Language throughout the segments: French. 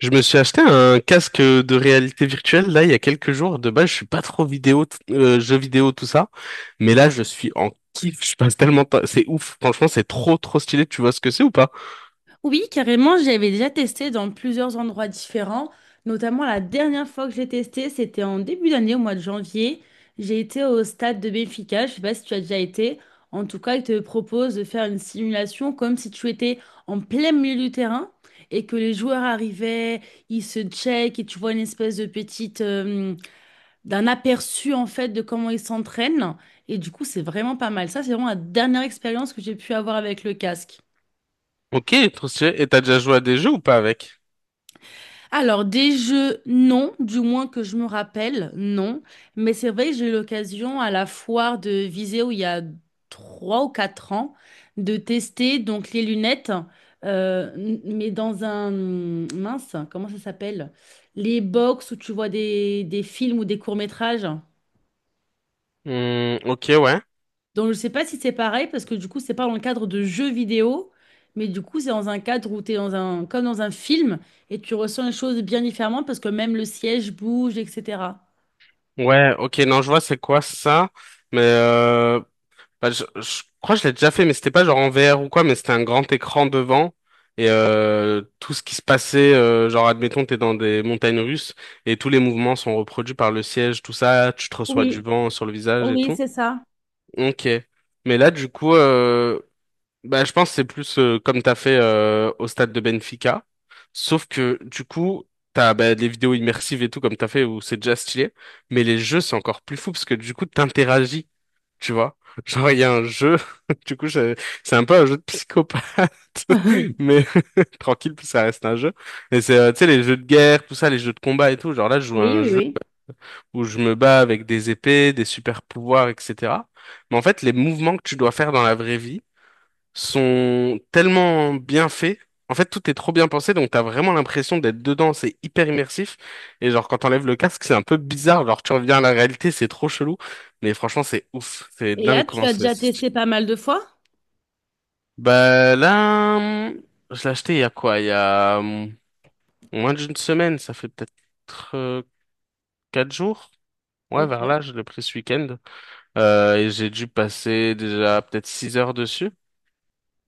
Je me suis acheté un casque de réalité virtuelle là il y a quelques jours. De base, je suis pas trop vidéo, jeux vidéo, tout ça. Mais là, je suis en kiff. Je passe tellement de temps. C'est ouf. Franchement, c'est trop, trop stylé. Tu vois ce que c'est ou pas? Oui, carrément, j'avais déjà testé dans plusieurs endroits différents. Notamment, la dernière fois que j'ai testé, c'était en début d'année, au mois de janvier. J'ai été au stade de Benfica. Je sais pas si tu as déjà été. En tout cas, il te propose de faire une simulation comme si tu étais en plein milieu du terrain et que les joueurs arrivaient, ils se checkent et tu vois une espèce de petite, d'un aperçu en fait de comment ils s'entraînent. Et du coup, c'est vraiment pas mal. Ça, c'est vraiment la dernière expérience que j'ai pu avoir avec le casque. Ok, trop stylé. Et t'as déjà joué à des jeux ou pas avec? Alors, des jeux, non, du moins que je me rappelle, non. Mais c'est vrai que j'ai eu l'occasion à la foire de Viseo il y a 3 ou 4 ans de tester donc les lunettes, mais dans un mince, comment ça s'appelle? Les box où tu vois des films ou des courts-métrages. Hmm, ok, ouais. Donc, je sais pas si c'est pareil parce que du coup, c'est pas dans le cadre de jeux vidéo, mais du coup, c'est dans un cadre où tu es dans un, comme dans un film et tu ressens les choses bien différemment parce que même le siège bouge, etc. Ouais, ok, non, je vois c'est quoi ça. Mais bah, je crois que je l'ai déjà fait, mais c'était pas genre en VR ou quoi, mais c'était un grand écran devant et tout ce qui se passait, genre admettons t'es dans des montagnes russes et tous les mouvements sont reproduits par le siège, tout ça, tu te reçois du Oui, vent sur le visage et oui, tout. c'est ça. Ok. Mais là du coup, bah, je pense que c'est plus comme t'as fait au stade de Benfica, sauf que du coup t'as bah, des vidéos immersives et tout comme t'as fait où c'est déjà stylé, mais les jeux c'est encore plus fou parce que du coup t'interagis, tu vois. Genre il y a un jeu, du coup je- c'est un peu un jeu de psychopathe, mais tranquille puis ça reste un jeu. Et c'est tu sais les jeux de guerre, tout ça, les jeux de combat et tout. Genre là je joue à Oui, un oui, jeu oui. où je me bats avec des épées, des super pouvoirs, etc. Mais en fait les mouvements que tu dois faire dans la vraie vie sont tellement bien faits. En fait, tout est trop bien pensé, donc t'as vraiment l'impression d'être dedans, c'est hyper immersif. Et genre, quand t'enlèves le casque, c'est un peu bizarre, genre tu reviens à la réalité, c'est trop chelou. Mais franchement, c'est ouf, c'est Et là, dingue tu comment as c'est. déjà c'est- testé pas mal de fois? Bah là, je l'ai acheté il y a quoi? Il y a moins d'une semaine, ça fait peut-être euh, 4 jours. Ouais, Ok. vers là, je l'ai pris ce week-end. Et j'ai dû passer déjà peut-être 6 heures dessus.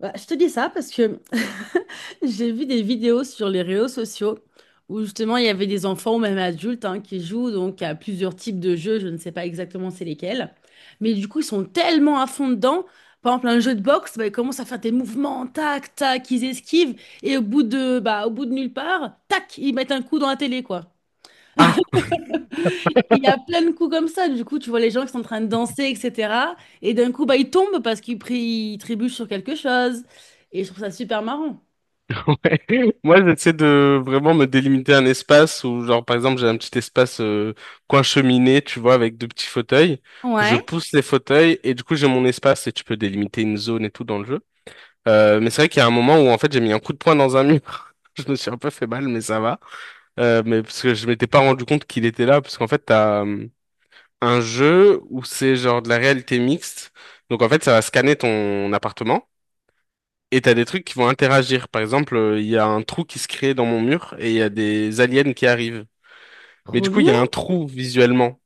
Bah, je te dis ça parce que j'ai vu des vidéos sur les réseaux sociaux où justement il y avait des enfants ou même adultes hein, qui jouent donc à plusieurs types de jeux, je ne sais pas exactement c'est lesquels, mais du coup ils sont tellement à fond dedans. Par exemple, un jeu de boxe, bah, ils commencent à faire des mouvements, tac, tac, ils esquivent et au bout de, bah, au bout de nulle part, tac, ils mettent un coup dans la télé quoi. Ah, Il y a plein de coups comme ça, du coup tu vois les gens qui sont en train de danser, etc. Et d'un coup bah, ils tombent parce qu'ils trébuchent sur quelque chose et je trouve ça super marrant. ouais. Moi, j'essaie de vraiment me délimiter un espace où, genre, par exemple, j'ai un petit espace coin cheminée, tu vois, avec deux petits fauteuils. Je Ouais. pousse les fauteuils et du coup, j'ai mon espace et tu peux délimiter une zone et tout dans le jeu. Mais c'est vrai qu'il y a un moment où, en fait, j'ai mis un coup de poing dans un mur. Je me suis un peu fait mal, mais ça va. Mais parce que je m'étais pas rendu compte qu'il était là, parce qu'en fait, t'as un jeu où c'est genre de la réalité mixte. Donc, en fait, ça va scanner ton appartement. Et t'as des trucs qui vont interagir. Par exemple, il y a un trou qui se crée dans mon mur et il y a des aliens qui arrivent. Mais du Trop coup, il y bien. a un trou visuellement.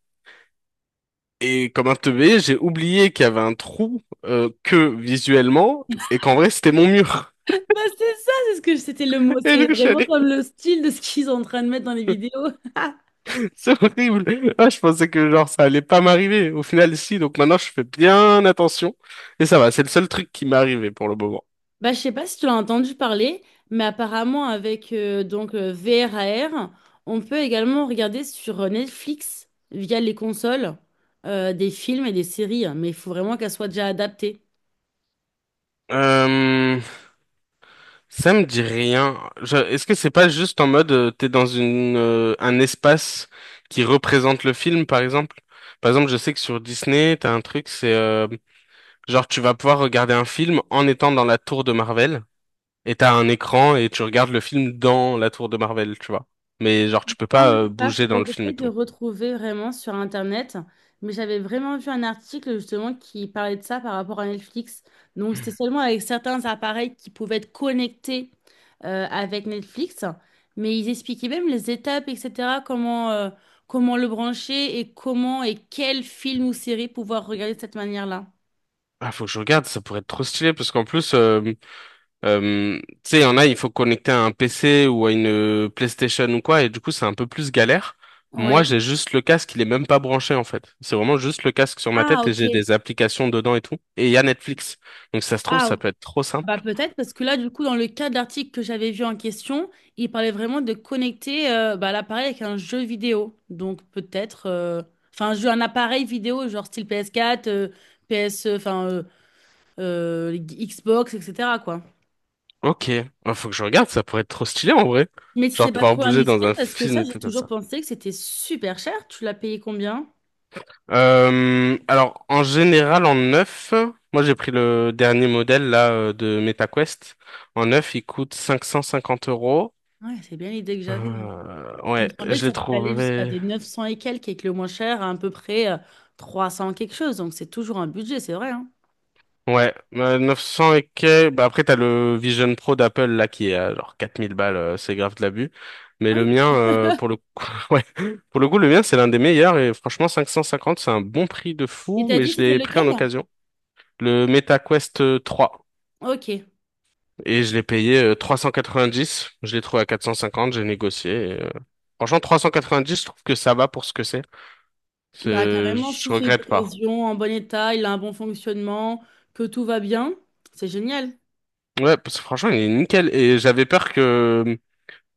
Et comme un teubé, j'ai oublié qu'il y avait un trou que visuellement et qu'en vrai, c'était mon mur. Bah c'est ça, c'est ce que c'était le mot. Et C'est du coup, je suis vraiment allé... comme le style de ce qu'ils sont en train de mettre dans les vidéos. C'est horrible. Ah, je pensais que genre ça allait pas m'arriver. Au final, si. Donc maintenant, je fais bien attention. Et ça va, c'est le seul truc qui m'est arrivé pour le moment. Bah je sais pas si tu l'as entendu parler, mais apparemment avec donc VRAR, on peut également regarder sur Netflix via les consoles des films et des séries, hein, mais il faut vraiment qu'elles soient déjà adaptées. Euh, Ça me dit rien. Est-ce que c'est pas juste en mode t'es dans une un espace qui représente le film, par exemple? Par exemple, je sais que sur Disney, t'as un truc, c'est genre tu vas pouvoir regarder un film en étant dans la tour de Marvel et t'as un écran et tu regardes le film dans la tour de Marvel, tu vois. Mais genre tu peux pas Semble pas, bouger dans faudrait le que film j'essaie et de tout. retrouver vraiment sur Internet. Mais j'avais vraiment vu un article justement qui parlait de ça par rapport à Netflix. Donc c'était seulement avec certains appareils qui pouvaient être connectés avec Netflix. Mais ils expliquaient même les étapes, etc. Comment le brancher et comment et quel film ou série pouvoir regarder de cette manière-là. Ah, faut que je regarde, ça pourrait être trop stylé parce qu'en plus tu sais, il y en a, il faut connecter à un PC ou à une PlayStation ou quoi, et du coup, c'est un peu plus galère. Moi, Oui. j'ai juste le casque, il est même pas branché en fait. C'est vraiment juste le casque sur ma Ah, tête et j'ai ok. des applications dedans et tout. Et il y a Netflix. Donc, ça se trouve, Ah, ça peut être trop bah simple. peut-être parce que là du coup dans le cas de l'article que j'avais vu en question, il parlait vraiment de connecter bah, l'appareil avec un jeu vidéo. Donc peut-être enfin un jeu un appareil vidéo genre style PS4, PS P S, enfin Xbox etc. quoi. Ok. Bah, faut que je regarde, ça pourrait être trop stylé en vrai. Mais si Genre c'est pas pouvoir trop bouger dans indiscret un parce que film ça et j'ai tout comme toujours ça. pensé que c'était super cher. Tu l'as payé combien? Alors en général en neuf, moi j'ai pris le dernier modèle là de MetaQuest. En neuf, il coûte 550 euros. Ouais, c'est bien l'idée que j'avais, hein. Il me Ouais, semblait que je ça l'ai pouvait aller jusqu'à trouvé. des 900 et quelques et que le moins cher à peu près 300 quelque chose. Donc c'est toujours un budget, c'est vrai, hein. Ouais, 900 et quelques. Bah après, t'as le Vision Pro d'Apple là qui est à genre 4000 balles, c'est grave de l'abus. Mais Ah le oui, mien, pour le coup, ouais, pour le coup, le mien, c'est l'un des meilleurs et franchement, 550, c'est un bon prix de et fou, t'as mais dit je c'était l'ai pris lequel? en occasion. Le Meta Quest 3 Ok. et je l'ai payé 390. Je l'ai trouvé à 450, j'ai négocié. Franchement, 390, je trouve que ça va pour ce que c'est. Bah carrément, sous Je ses regrette pas. occasions, en bon état, il a un bon fonctionnement, que tout va bien. C'est génial. Ouais, parce que franchement, il est nickel et j'avais peur que,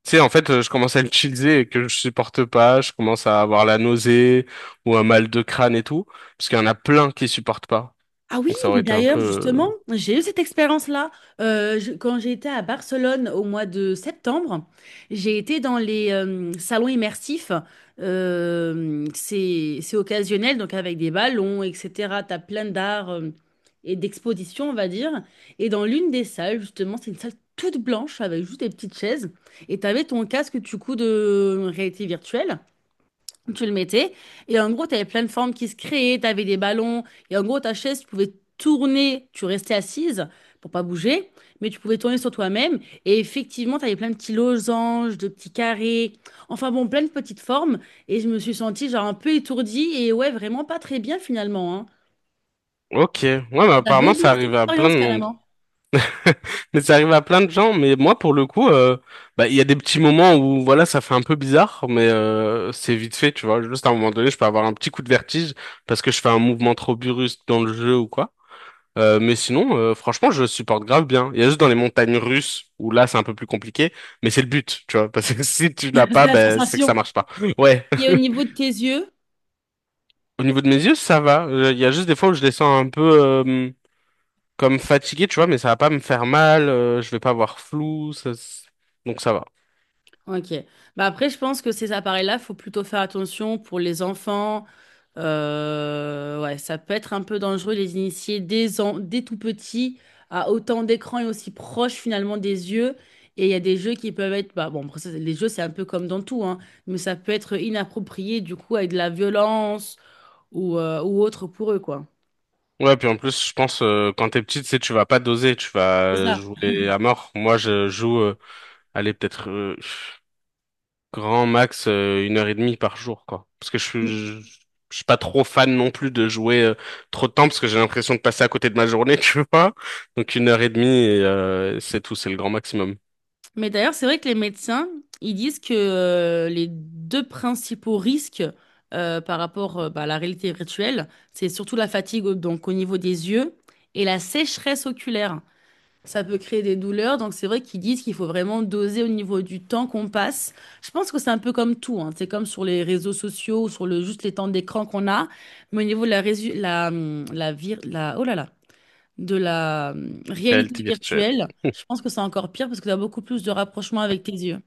tu sais, en fait, je commence à l'utiliser et que je supporte pas, je commence à avoir la nausée ou un mal de crâne et tout, parce qu'il y en a plein qui supportent pas. Ah oui, Donc ça mais aurait été un d'ailleurs, peu... justement, euh, j'ai eu cette expérience-là. Quand j'ai été à Barcelone au mois de septembre, j'ai été dans les salons immersifs. C'est occasionnel, donc avec des ballons, etc. Tu as plein d'arts et d'expositions, on va dire. Et dans l'une des salles, justement, c'est une salle toute blanche avec juste des petites chaises. Et tu avais ton casque, du coup, de réalité virtuelle. Tu le mettais. Et en gros, tu avais plein de formes qui se créaient, tu avais des ballons. Et en gros, ta chaise, tu pouvais tourner, tu restais assise pour pas bouger, mais tu pouvais tourner sur toi-même. Et effectivement, tu avais plein de petits losanges, de petits carrés. Enfin bon, plein de petites formes. Et je me suis sentie genre un peu étourdie et ouais, vraiment pas très bien finalement, hein. Ok, ouais, mais J'avais apparemment oublié ça cette arrive à plein expérience de monde. carrément. Mais ça arrive à plein de gens, mais moi pour le coup, bah il y a des petits moments où voilà, ça fait un peu bizarre, mais c'est vite fait, tu vois. Juste à un moment donné, je peux avoir un petit coup de vertige parce que je fais un mouvement trop brusque dans le jeu ou quoi. Mais sinon, franchement, je supporte grave bien. Il y a juste dans les montagnes russes où là, c'est un peu plus compliqué, mais c'est le but, tu vois. Parce que si tu l'as C'est pas, la ben, c'est que sensation. ça marche pas. Ouais. Et au niveau de tes yeux? Au niveau de mes yeux, ça va. Il y a juste des fois où je les sens un peu comme fatigués, tu vois, mais ça va pas me faire mal. Je vais pas avoir flou. Donc ça va. Ok. Bah après, je pense que ces appareils-là, faut plutôt faire attention pour les enfants. Ouais, ça peut être un peu dangereux de les initier dès tout petit à autant d'écrans et aussi proche finalement des yeux. Et il y a des jeux qui peuvent être, bah bon, après ça, les jeux c'est un peu comme dans tout, hein, mais ça peut être inapproprié du coup avec de la violence ou autre pour eux, quoi. Ouais, puis en plus, je pense quand t'es petit, tu sais, tu vas pas doser, tu C'est vas ça. jouer à mort. Moi, je joue. Allez, peut-être. Grand max, 1 heure et demie par jour, quoi. Parce que je suis pas trop fan non plus de jouer trop de temps parce que j'ai l'impression de passer à côté de ma journée, tu vois. Donc 1 heure et demie, c'est tout, c'est le grand maximum. Mais d'ailleurs, c'est vrai que les médecins, ils disent que les deux principaux risques par rapport bah, à la réalité virtuelle, c'est surtout la fatigue donc au niveau des yeux et la sécheresse oculaire. Ça peut créer des douleurs, donc c'est vrai qu'ils disent qu'il faut vraiment doser au niveau du temps qu'on passe. Je pense que c'est un peu comme tout, hein. C'est comme sur les réseaux sociaux ou sur le juste les temps d'écran qu'on a, mais au niveau de la, résu- la, la, vir- la, oh là là, de la réalité Réalité virtuelle. virtuelle, je pense que c'est encore pire parce que tu as beaucoup plus de rapprochement avec tes yeux.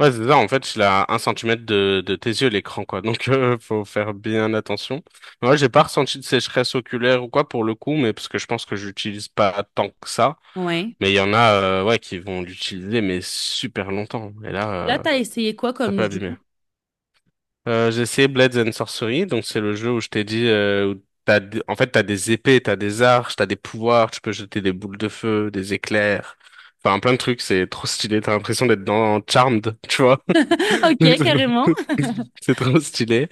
Ouais, c'est ça, en fait, je suis à un centimètre de tes yeux, l'écran, quoi. Donc, faut faire bien attention. Moi, j'ai pas ressenti de sécheresse oculaire ou quoi pour le coup, mais parce que je pense que j'utilise pas tant que ça. Ouais. Mais il y en a, ouais, qui vont l'utiliser, mais super longtemps. Et là, Là, tu as essayé quoi ça comme peut jeu? abîmer. J'ai essayé Blades and Sorcery, donc c'est le jeu où je t'ai dit, où t'as, en fait, t'as des épées, t'as des arches, t'as des pouvoirs, tu peux jeter des boules de feu, des éclairs, enfin plein de trucs, c'est trop stylé, t'as l'impression d'être dans Charmed, tu vois. Donc, Ok, carrément. c'est trop stylé.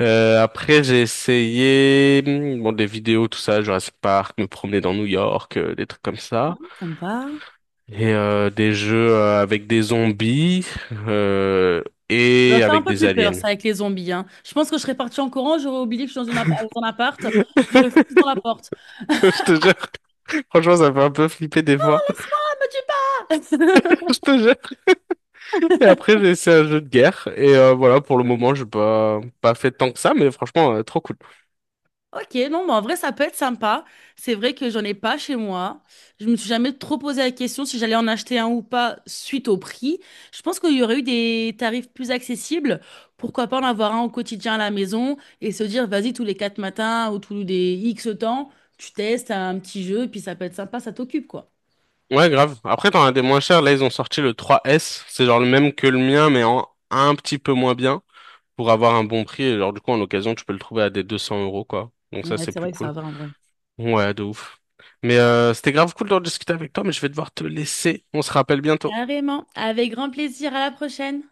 Après, j'ai essayé, bon, des vidéos, tout ça, Jurassic Park, me promener dans New York, des trucs comme Ah, ça, sympa. et des jeux avec des zombies euh, Ça va et faire un avec peu des plus peur, aliens. ça, avec les zombies, hein. Je pense que je serais partie en courant, j'aurais oublié que je suis dans, dans un appart, j'aurais foutu dans la porte. Je te jure. Franchement, ça me fait un peu flipper des fois. Laisse-moi, me tue pas! Je te jure. Et après, j'ai essayé un jeu de guerre. Et voilà, pour le moment, j'ai pas fait tant que ça, mais franchement, trop cool. Ok, non, mais en vrai, ça peut être sympa. C'est vrai que j'en ai pas chez moi. Je me suis jamais trop posé la question si j'allais en acheter un ou pas suite au prix. Je pense qu'il y aurait eu des tarifs plus accessibles. Pourquoi pas en avoir un au quotidien à la maison et se dire, vas-y, tous les quatre matins ou tous les X temps, tu testes un petit jeu, puis ça peut être sympa, ça t'occupe, quoi. Ouais, grave. Après, t'en as des moins chers. Là, ils ont sorti le 3S. C'est genre le même que le mien, mais en un petit peu moins bien. Pour avoir un bon prix. Et genre, du coup, en occasion, tu peux le trouver à des 200 euros, quoi. Donc ça, Ouais, c'est c'est plus vrai que ça cool. va en vrai. Ouais, de ouf. Mais c'était grave cool d'en discuter avec toi, mais je vais devoir te laisser. On se rappelle bientôt. Carrément. Avec grand plaisir. À la prochaine.